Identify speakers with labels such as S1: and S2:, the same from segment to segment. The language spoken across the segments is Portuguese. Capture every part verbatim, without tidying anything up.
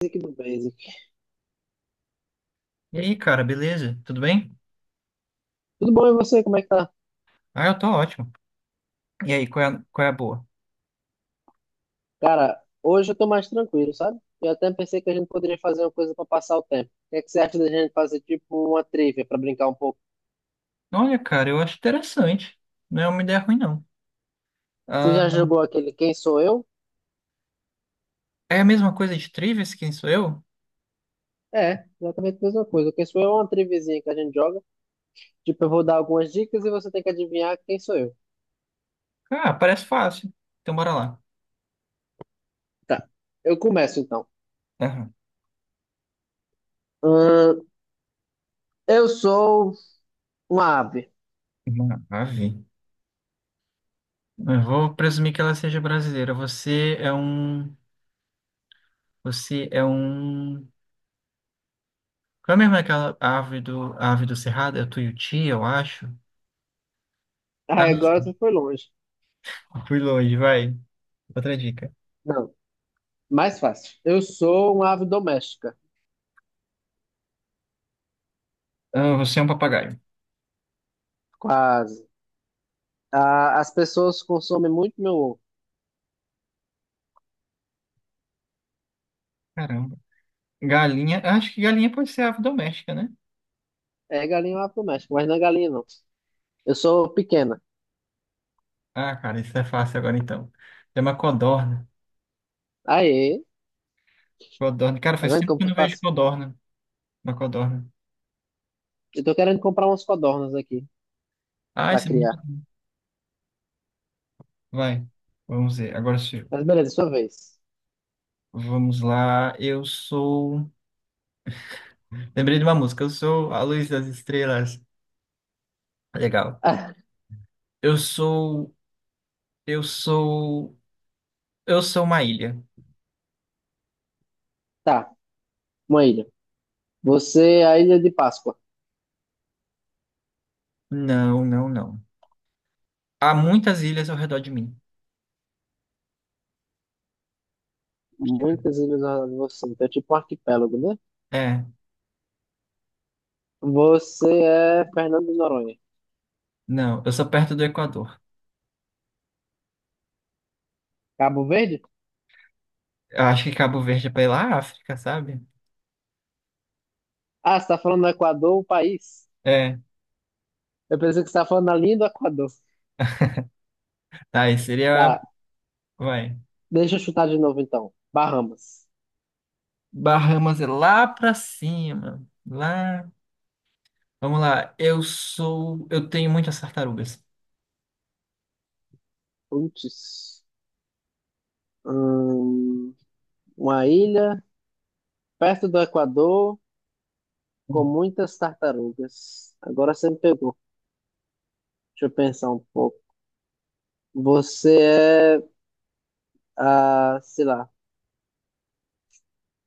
S1: Basic do Basic.
S2: E aí, cara, beleza? Tudo bem?
S1: Tudo bom e você? Como é que tá?
S2: Ah, eu tô ótimo. E aí, qual é, a- qual é a boa?
S1: Cara, hoje eu tô mais tranquilo, sabe? Eu até pensei que a gente poderia fazer uma coisa pra passar o tempo. O que é que você acha da gente fazer tipo uma trivia pra brincar um pouco?
S2: Olha, cara, eu acho interessante. Não é uma ideia ruim, não.
S1: Você já
S2: Ah,
S1: jogou aquele Quem Sou Eu?
S2: é a mesma coisa de Trivias, quem sou eu?
S1: É, exatamente a mesma coisa. O Quem Sou Eu é uma triviazinha que a gente joga. Tipo, eu vou dar algumas dicas e você tem que adivinhar quem sou eu.
S2: Ah, parece fácil. Então, bora lá.
S1: Tá, eu começo então.
S2: Ah,
S1: Ahn, eu sou uma ave.
S2: maravilha. Eu vou presumir que ela seja brasileira. Você é um... Você é um... Qual é mesmo aquela ave do, a ave do Cerrado? É o tuiuti, eu acho. Ah,
S1: Ah, agora você foi longe.
S2: fui longe, vai. Outra dica.
S1: Não, mais fácil. Eu sou uma ave doméstica.
S2: Ah, você é um papagaio.
S1: Quase. A- as pessoas consomem muito meu ovo.
S2: Caramba. Galinha, eu acho que galinha pode ser ave doméstica, né?
S1: É galinha lá pro México, mas não é galinha, não. Eu sou pequena.
S2: Ah, cara, isso é fácil agora então. É uma codorna.
S1: Aê,
S2: Codorna. Cara,
S1: tá
S2: faz
S1: vendo
S2: tempo
S1: como
S2: que eu
S1: foi
S2: não vejo
S1: fácil?
S2: codorna. Uma codorna.
S1: Eu tô querendo comprar umas codornas aqui
S2: Ah,
S1: pra
S2: esse...
S1: criar.
S2: Vai. Vamos ver. Agora sou eu.
S1: Mas beleza, é sua vez.
S2: Vamos lá. Eu sou. Lembrei de uma música. Eu sou a luz das estrelas. Legal.
S1: Ah,
S2: Eu sou. Eu sou. Eu sou uma ilha.
S1: tá, uma ilha. Você é a Ilha de Páscoa.
S2: Não, não, não. Há muitas ilhas ao redor de mim.
S1: Muitas ilhas na você. Então é tipo um arquipélago, né?
S2: É.
S1: Você é Fernando de Noronha.
S2: Não, eu sou perto do Equador.
S1: Cabo Verde?
S2: Eu acho que Cabo Verde é pela África, sabe?
S1: Ah, você tá falando do Equador, o país?
S2: É.
S1: Eu pensei que você tá falando da linha do Equador.
S2: Tá, aí seria.
S1: Tá,
S2: Vai.
S1: deixa eu chutar de novo então. Bahamas.
S2: Bahamas é lá pra cima. Lá. Vamos lá. Eu sou. Eu tenho muitas tartarugas.
S1: Putz. Hum, uma ilha perto do Equador com muitas tartarugas. Agora você me pegou. Deixa eu pensar um pouco. Você é, a, sei lá,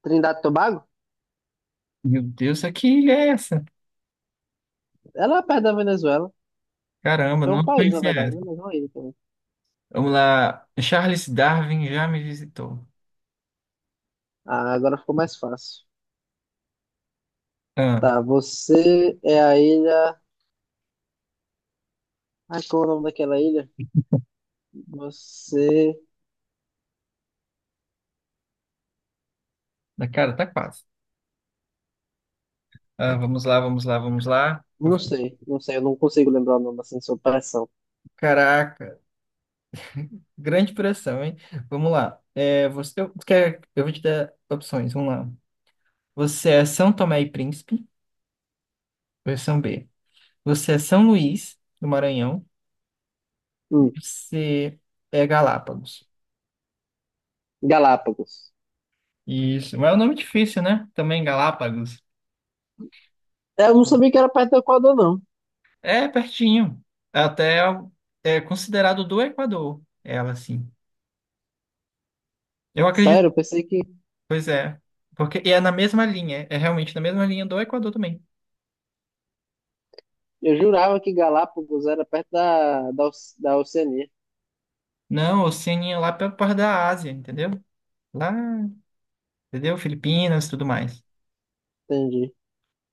S1: Trindade e Tobago?
S2: Meu Deus, isso aqui ilha é essa?
S1: Ela é perto da Venezuela.
S2: Caramba,
S1: É um
S2: não
S1: país, na
S2: conhecia
S1: verdade,
S2: essa.
S1: né? Mas é uma ilha também.
S2: Vamos lá. Charles Darwin já me visitou.
S1: Ah, agora ficou mais fácil.
S2: Ah,
S1: Tá, você é a ilha. Ai, qual é o nome daquela ilha? Você.
S2: na cara, tá quase. Ah, vamos lá, vamos lá, vamos lá.
S1: Não sei, não sei, eu não consigo lembrar o nome assim, sob pressão.
S2: Caraca, grande pressão, hein? Vamos lá. É, você, eu, quer, eu vou te dar opções, vamos lá. Você é São Tomé e Príncipe, versão B. Você é São Luís, do Maranhão.
S1: Hum,
S2: Você é Galápagos.
S1: Galápagos.
S2: Isso. Mas é um nome difícil, né? Também Galápagos.
S1: É, eu não sabia que era perto do Equador, não.
S2: É pertinho. Até é considerado do Equador, ela, assim. Eu acredito.
S1: Sério, eu pensei que
S2: Pois é. Porque e é na mesma linha. É realmente na mesma linha do Equador também.
S1: eu jurava que Galápagos era perto da, da, Oce- da Oceania.
S2: Não, Oceania lá pela parte da Ásia, entendeu? Lá, entendeu? Filipinas, tudo mais.
S1: Entendi.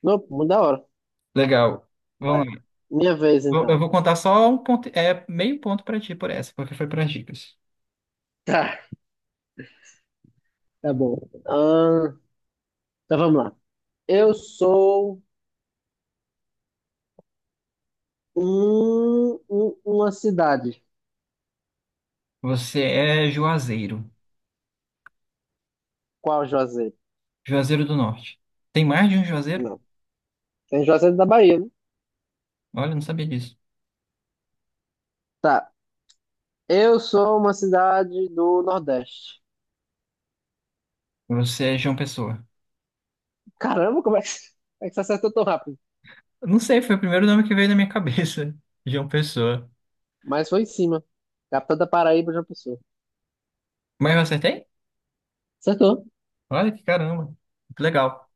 S1: Não, muito da hora.
S2: Legal.
S1: Vai.
S2: Vamos lá.
S1: Minha vez,
S2: Eu eu
S1: então.
S2: vou contar só um ponto, é meio ponto pra ti por essa, porque foi para dicas.
S1: Tá, tá bom. Ah, então vamos lá. Eu sou um, um- uma cidade.
S2: Você é Juazeiro.
S1: Qual Juazeiro?
S2: Juazeiro do Norte. Tem mais de um Juazeiro?
S1: Não. Tem Juazeiro da Bahia, né?
S2: Olha, eu não sabia disso.
S1: Tá. Eu sou uma cidade do Nordeste.
S2: Você é João Pessoa.
S1: Caramba, como é que, como é que você acertou tão rápido?
S2: Eu não sei, foi o primeiro nome que veio na minha cabeça. João Pessoa.
S1: Mas foi em cima. Capital da Paraíba, João Pessoa.
S2: Mas eu acertei?
S1: Acertou.
S2: Olha que caramba. Que legal.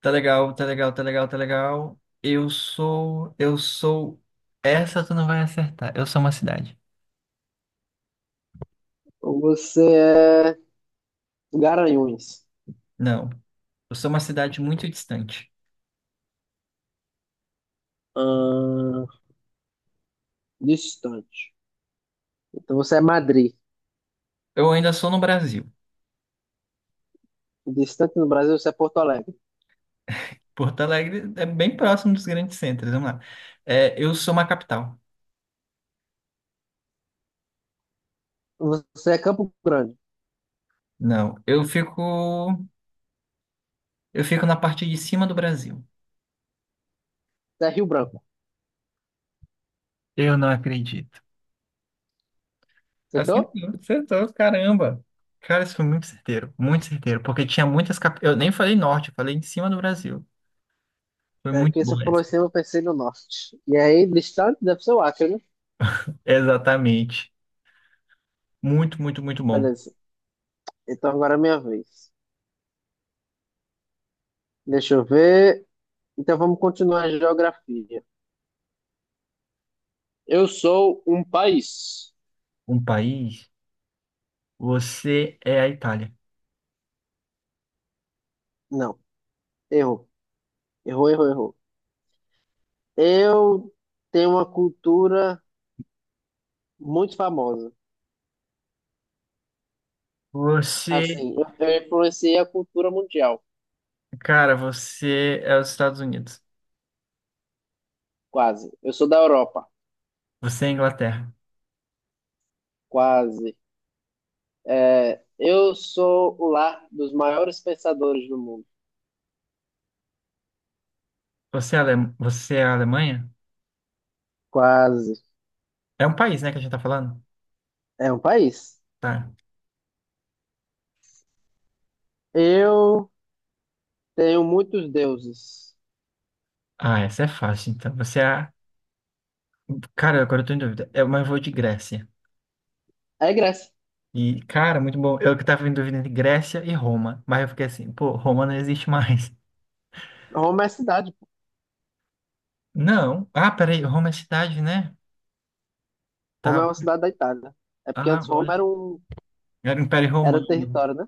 S2: Tá legal, tá legal, tá legal, tá legal. Eu sou. Eu sou. Essa tu não vai acertar. Eu sou uma cidade.
S1: Então você é Garanhuns.
S2: Não. Eu sou uma cidade muito distante.
S1: Ahn, Distante. Então você é Madrid.
S2: Eu ainda sou no Brasil.
S1: Distante no Brasil, você é Porto Alegre.
S2: Porto Alegre é bem próximo dos grandes centros. Vamos lá. É, eu sou uma capital.
S1: Você é Campo Grande.
S2: Não, eu fico, eu fico na parte de cima do Brasil.
S1: Você é Rio Branco.
S2: Eu não acredito.
S1: Acertou?
S2: Acertou, acertou, caramba. Cara, isso foi muito certeiro, muito certeiro, porque tinha muitas cap... Eu nem falei norte, eu falei de cima do Brasil. Foi
S1: É
S2: muito
S1: que você
S2: bom
S1: falou
S2: essa.
S1: assim, eu pensei no norte. E aí, distante deve ser o Acre, né?
S2: Exatamente. Muito, muito, muito bom.
S1: Beleza. Então agora é minha vez. Deixa eu ver. Então vamos continuar a geografia. Eu sou um país.
S2: Um país, você é a Itália.
S1: Não, errou. Errou, errou, errou. Eu tenho uma cultura muito famosa.
S2: Você,
S1: Assim, eu eu influenciei a cultura mundial.
S2: cara, você é os Estados Unidos.
S1: Quase. Eu sou da Europa.
S2: Você é a Inglaterra.
S1: Quase. É, eu sou o lar dos maiores pensadores do mundo.
S2: Você é a Ale- você é a Alemanha?
S1: Quase.
S2: É um país, né, que a gente tá falando?
S1: É um país.
S2: Tá.
S1: Eu tenho muitos deuses.
S2: Ah, essa é fácil, então. Você é a cara, agora eu tô em dúvida. É, mas eu vou de Grécia.
S1: É Grécia.
S2: E, cara, muito bom. Eu que tava em dúvida entre Grécia e Roma. Mas eu fiquei assim, pô, Roma não existe mais.
S1: Roma é cidade, pô.
S2: Não. Ah, peraí, Roma é cidade, né?
S1: Roma
S2: Tá.
S1: é uma cidade da Itália. É porque
S2: Ah,
S1: antes
S2: olha.
S1: Roma era um
S2: Era o Império
S1: Era
S2: Romano.
S1: território, né?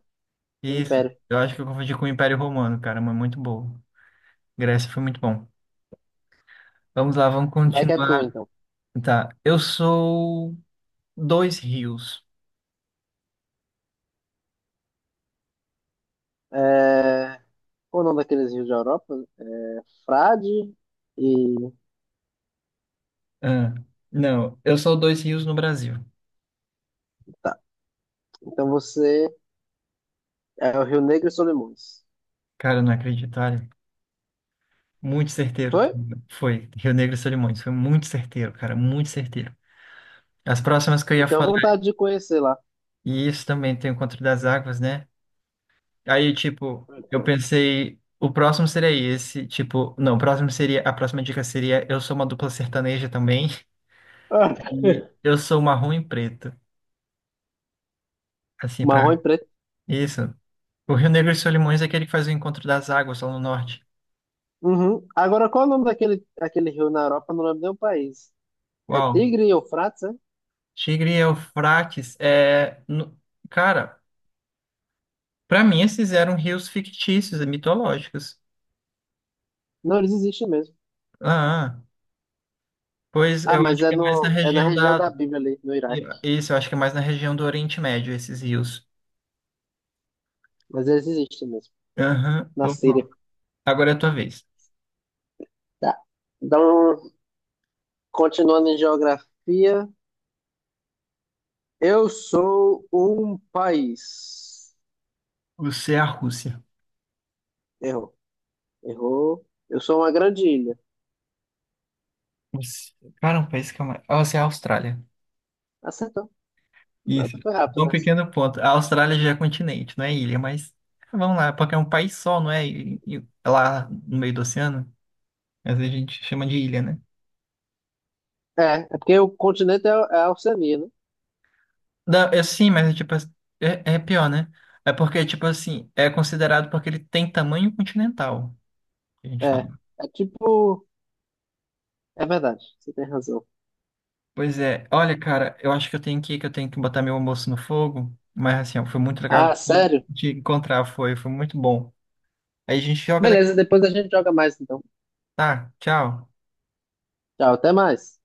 S1: Um
S2: Isso.
S1: império.
S2: Eu acho que eu confundi com o Império Romano, cara, mas muito bom. Grécia foi muito bom. Vamos lá, vamos
S1: Vai que é tu,
S2: continuar.
S1: então.
S2: Tá. Eu sou dois rios.
S1: É... Qual o nome daqueles rios da Europa? É Frade e...
S2: Ah, não, eu sou dois rios no Brasil.
S1: Tá. Então você é o Rio Negro e Solimões.
S2: Cara, eu não acredito, olha. Muito certeiro. Tu-
S1: Foi?
S2: Foi. Rio Negro e Solimões. Foi muito certeiro, cara. Muito certeiro. As próximas que eu
S1: Eu
S2: ia
S1: tenho
S2: falar.
S1: vontade de conhecer lá.
S2: E isso também tem o Conto das Águas, né? Aí, tipo, eu pensei. O próximo seria esse. Tipo, não, o próximo seria. A próxima dica seria: eu sou uma dupla sertaneja também.
S1: Ah,
S2: E eu sou marrom e preto. Assim, pra.
S1: Marrom e preto.
S2: Isso. O Rio Negro e Solimões é aquele que faz o Encontro das Águas lá no norte.
S1: Uhum. Agora, qual é o nome daquele, daquele rio na Europa? Não lembro nem o país. É
S2: Uau.
S1: Tigre e Eufrates, é?
S2: Tigre e Eufrates é. No- Cara. Para mim, esses eram rios fictícios e mitológicos.
S1: Não, eles existem mesmo.
S2: Ah, pois
S1: Ah,
S2: eu
S1: mas
S2: acho
S1: é,
S2: que é mais na
S1: no, é na
S2: região
S1: região
S2: da.
S1: da Bíblia ali, no Iraque.
S2: Isso, eu acho que é mais na região do Oriente Médio, esses rios.
S1: Mas eles existem mesmo,
S2: Aham.
S1: na
S2: Vamos
S1: Síria.
S2: lá. Agora é a tua vez.
S1: Tá. Então, continuando em geografia, eu sou um país.
S2: Você é a Rússia.
S1: Errou, errou. Eu sou uma grande ilha.
S2: Você- Cara, um país que é mais. Você é a Austrália.
S1: Acertou. Não,
S2: Isso.
S1: tu foi rápido
S2: Um
S1: nessa.
S2: pequeno ponto. A Austrália já é continente, não é ilha, mas vamos lá, porque é um país só, não é? E- e- é lá no meio do oceano, mas a gente chama de ilha, né?
S1: É, é porque o continente é, é a Oceania, né?
S2: Não, eu sim, mas é tipo, assim, é, é pior, né? É porque, tipo assim, é considerado porque ele tem tamanho continental, que a gente
S1: É.
S2: fala.
S1: É tipo é verdade, você tem razão.
S2: Pois é, olha, cara, eu acho que eu tenho que ir, que eu tenho que botar meu almoço no fogo, mas assim, ó, foi muito legal
S1: Ah,
S2: de,
S1: sério?
S2: de encontrar, foi, foi muito bom. Aí a gente joga daqui.
S1: Beleza, depois a gente joga mais então.
S2: Tá, tchau.
S1: Tchau, até mais.